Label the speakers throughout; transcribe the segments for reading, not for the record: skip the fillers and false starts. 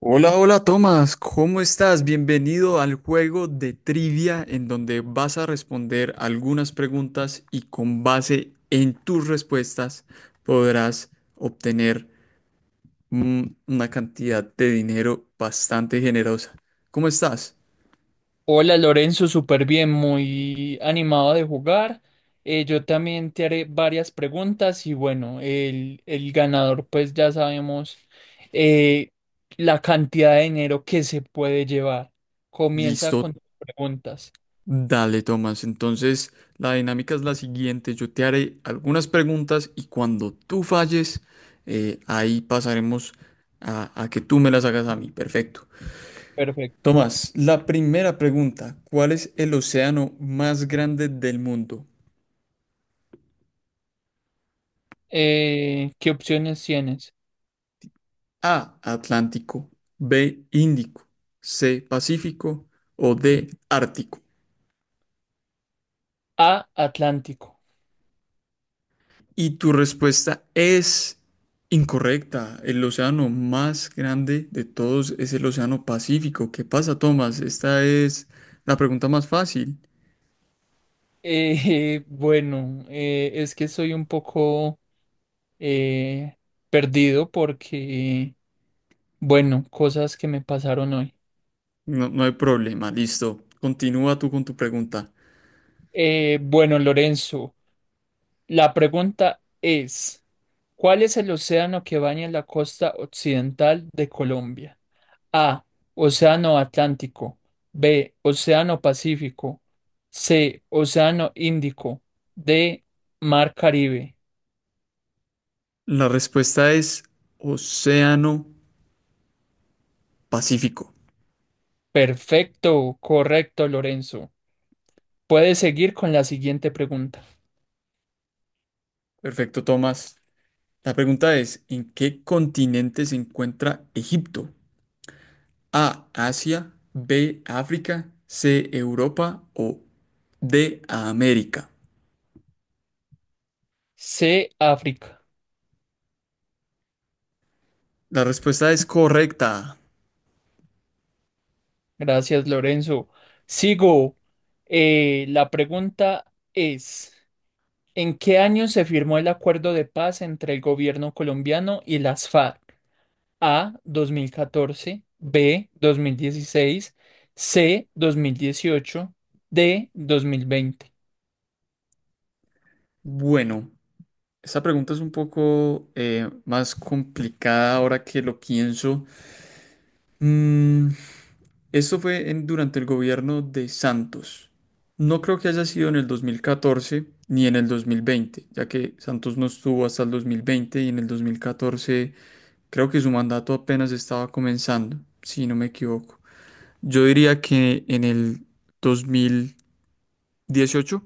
Speaker 1: Hola, hola Tomás, ¿cómo estás? Bienvenido al juego de trivia en donde vas a responder algunas preguntas y con base en tus respuestas podrás obtener una cantidad de dinero bastante generosa. ¿Cómo estás?
Speaker 2: Hola Lorenzo, súper bien, muy animado de jugar. Yo también te haré varias preguntas y bueno, el ganador pues ya sabemos eh, la cantidad de dinero que se puede llevar. Comienza
Speaker 1: Listo,
Speaker 2: con tus preguntas.
Speaker 1: dale Tomás. Entonces, la dinámica es la siguiente. Yo te haré algunas preguntas y cuando tú falles, ahí pasaremos a que tú me las hagas a mí. Perfecto.
Speaker 2: Perfecto.
Speaker 1: Tomás, la primera pregunta, ¿cuál es el océano más grande del mundo?
Speaker 2: ¿Qué opciones tienes?
Speaker 1: A, Atlántico, B, Índico, C, Pacífico o D, Ártico.
Speaker 2: A, Atlántico.
Speaker 1: Y tu respuesta es incorrecta. El océano más grande de todos es el océano Pacífico. ¿Qué pasa, Tomás? Esta es la pregunta más fácil.
Speaker 2: Bueno, es que soy un poco eh, perdido porque, bueno, cosas que me pasaron hoy.
Speaker 1: No, no hay problema, listo. Continúa tú con tu pregunta.
Speaker 2: Bueno, Lorenzo, la pregunta es, ¿cuál es el océano que baña la costa occidental de Colombia? A, Océano Atlántico, B, Océano Pacífico, C, Océano Índico, D, Mar Caribe.
Speaker 1: La respuesta es Océano Pacífico.
Speaker 2: Perfecto, correcto, Lorenzo. Puedes seguir con la siguiente pregunta.
Speaker 1: Perfecto, Tomás. La pregunta es, ¿en qué continente se encuentra Egipto? A, Asia, B, África, C, Europa o D, América.
Speaker 2: C, África.
Speaker 1: La respuesta es correcta.
Speaker 2: Gracias, Lorenzo. Sigo. La pregunta es ¿en qué año se firmó el acuerdo de paz entre el gobierno colombiano y las FARC? A. 2014, B. 2016, C. 2018, D. 2020.
Speaker 1: Bueno, esta pregunta es un poco más complicada ahora que lo pienso. Mm, esto fue durante el gobierno de Santos. No creo que haya sido en el 2014 ni en el 2020, ya que Santos no estuvo hasta el 2020 y en el 2014 creo que su mandato apenas estaba comenzando, si no me equivoco. Yo diría que en el 2018,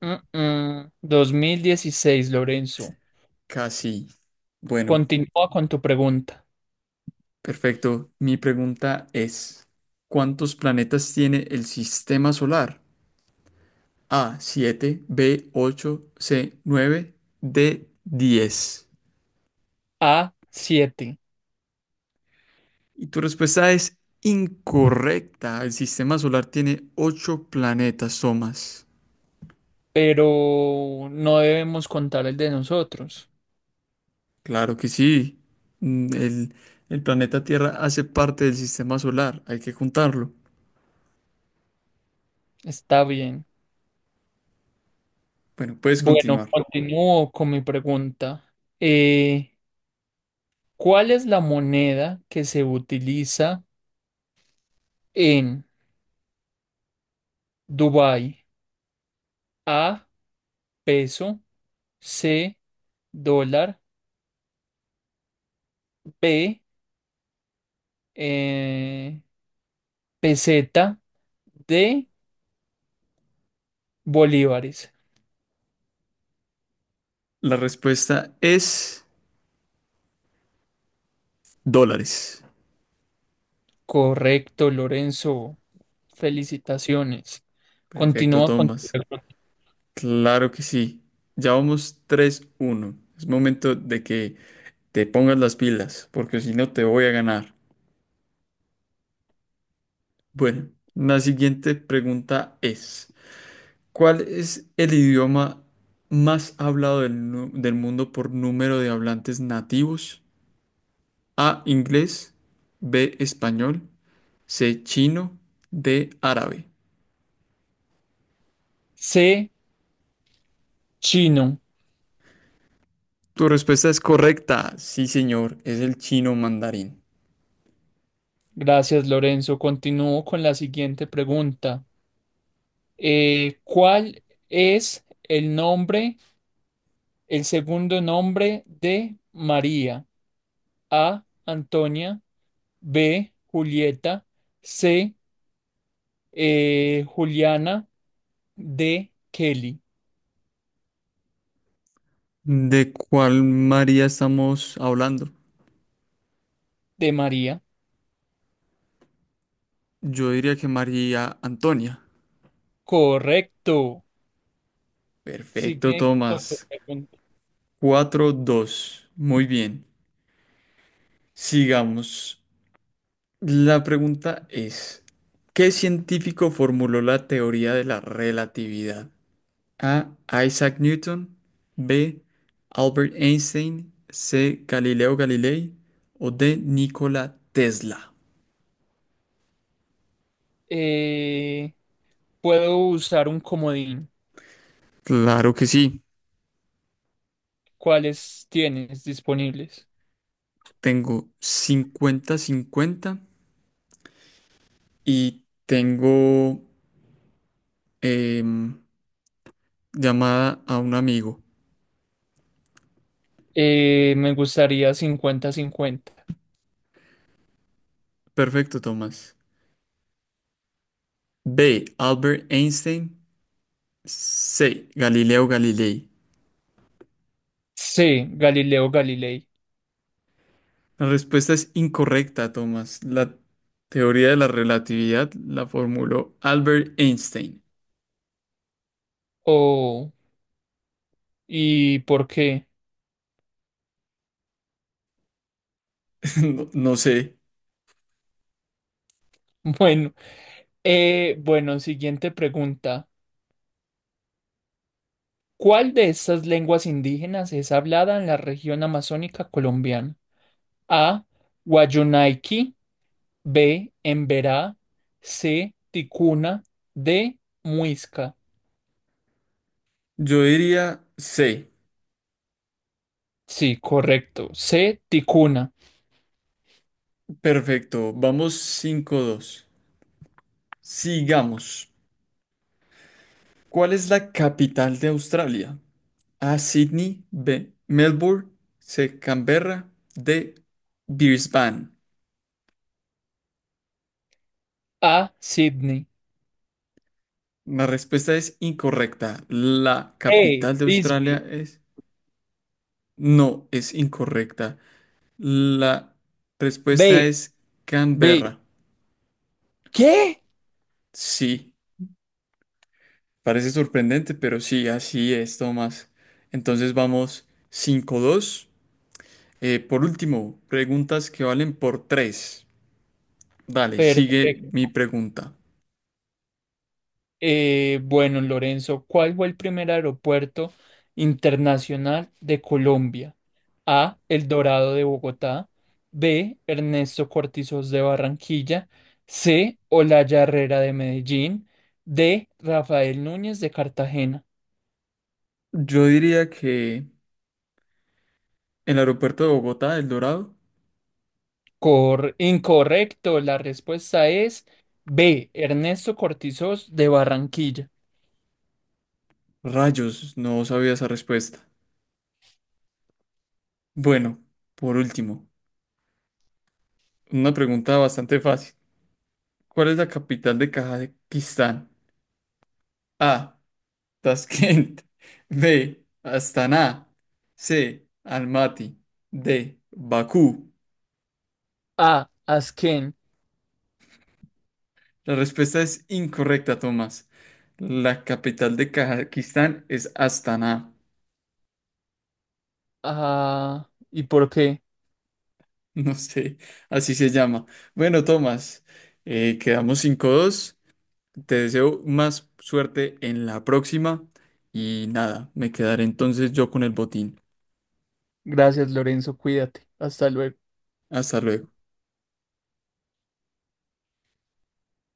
Speaker 2: Dos mil dieciséis, Lorenzo.
Speaker 1: casi. Bueno,
Speaker 2: Continúa con tu pregunta.
Speaker 1: perfecto. Mi pregunta es, ¿cuántos planetas tiene el sistema solar? A siete, B ocho, C nueve, D 10.
Speaker 2: A. siete.
Speaker 1: Y tu respuesta es incorrecta. El sistema solar tiene ocho planetas, Somas.
Speaker 2: Pero no debemos contar el de nosotros.
Speaker 1: Claro que sí. Mm, El, el planeta Tierra hace parte del sistema solar. Hay que juntarlo.
Speaker 2: Está bien.
Speaker 1: Bueno, puedes
Speaker 2: Bueno,
Speaker 1: continuar.
Speaker 2: continúo con mi pregunta. Eh, ¿cuál es la moneda que se utiliza en Dubái? A, peso, C, dólar, B, eh, peseta, D, bolívares.
Speaker 1: La respuesta es dólares.
Speaker 2: Correcto, Lorenzo. Felicitaciones.
Speaker 1: Perfecto,
Speaker 2: Continúa con tu
Speaker 1: Tomás.
Speaker 2: pregunta.
Speaker 1: Claro que sí. Ya vamos 3-1. Es momento de que te pongas las pilas, porque si no te voy a ganar. Bueno, la siguiente pregunta es, ¿cuál es el idioma más hablado del mundo por número de hablantes nativos? A, inglés, B, español, C, chino, D, árabe.
Speaker 2: C, chino.
Speaker 1: Tu respuesta es correcta, sí señor, es el chino mandarín.
Speaker 2: Gracias, Lorenzo. Continúo con la siguiente pregunta. ¿Cuál es el nombre, el segundo nombre de María? A. Antonia. B. Julieta. C. Juliana. D. Kelly.
Speaker 1: ¿De cuál María estamos hablando?
Speaker 2: De María.
Speaker 1: Yo diría que María Antonia.
Speaker 2: Correcto.
Speaker 1: Perfecto,
Speaker 2: Sigue con tu
Speaker 1: Tomás.
Speaker 2: pregunta.
Speaker 1: 4-2. Muy bien. Sigamos. La pregunta es, ¿qué científico formuló la teoría de la relatividad? A. Isaac Newton. B. Albert Einstein. C. Galileo Galilei. O D. Nikola Tesla.
Speaker 2: Eh, puedo usar un comodín.
Speaker 1: Claro que sí.
Speaker 2: ¿Cuáles tienes disponibles?
Speaker 1: Tengo 50-50 y tengo em, llamada a un amigo.
Speaker 2: Me gustaría cincuenta-cincuenta.
Speaker 1: Perfecto, Tomás. B. Albert Einstein. C. Galileo Galilei.
Speaker 2: C. Galileo Galilei.
Speaker 1: La respuesta es incorrecta, Thomas. La teoría de la relatividad la formuló Albert Einstein.
Speaker 2: Oh, ¿y por qué?
Speaker 1: No, no sé.
Speaker 2: Bueno, bueno, siguiente pregunta. ¿Cuál de estas lenguas indígenas es hablada en la región amazónica colombiana? A. Guayunaiki, B. Emberá, C. Ticuna, D. Muisca.
Speaker 1: Yo diría C.
Speaker 2: Sí, correcto. C. Ticuna.
Speaker 1: Perfecto. Vamos 5-2. Sigamos. ¿Cuál es la capital de Australia? A. Sydney. B. Melbourne. C. Canberra. D. Brisbane.
Speaker 2: A. Sydney.
Speaker 1: La respuesta es incorrecta. La
Speaker 2: B.
Speaker 1: capital de Australia
Speaker 2: Bisbee.
Speaker 1: es. No, es incorrecta. La respuesta
Speaker 2: B.
Speaker 1: es
Speaker 2: B.
Speaker 1: Canberra.
Speaker 2: ¿Qué?
Speaker 1: Sí, parece sorprendente, pero sí, así es, Tomás. Entonces vamos 5-2. Por último, preguntas que valen por 3. Dale, sigue
Speaker 2: Perfecto.
Speaker 1: mi pregunta.
Speaker 2: Bueno, Lorenzo, ¿cuál fue el primer aeropuerto internacional de Colombia? A. El Dorado de Bogotá. B. Ernesto Cortizos de Barranquilla. C. Olaya Herrera de Medellín. D. Rafael Núñez de Cartagena.
Speaker 1: Yo diría que el aeropuerto de Bogotá, El Dorado.
Speaker 2: Incorrecto, la respuesta es B. Ernesto Cortizos de Barranquilla.
Speaker 1: Rayos, no sabía esa respuesta. Bueno, por último. Una pregunta bastante fácil. ¿Cuál es la capital de Kazajistán? A. Tashkent. B. Astana. C. Almaty. D. Bakú.
Speaker 2: A. Asquén.
Speaker 1: La respuesta es incorrecta, Tomás. La capital de Kazajistán es Astana.
Speaker 2: Ah, ¿y por qué?
Speaker 1: No sé, así se llama. Bueno, Tomás, quedamos 5-2. Te deseo más suerte en la próxima. Y nada, me quedaré entonces yo con el botín.
Speaker 2: Gracias, Lorenzo, cuídate. Hasta luego.
Speaker 1: Hasta luego.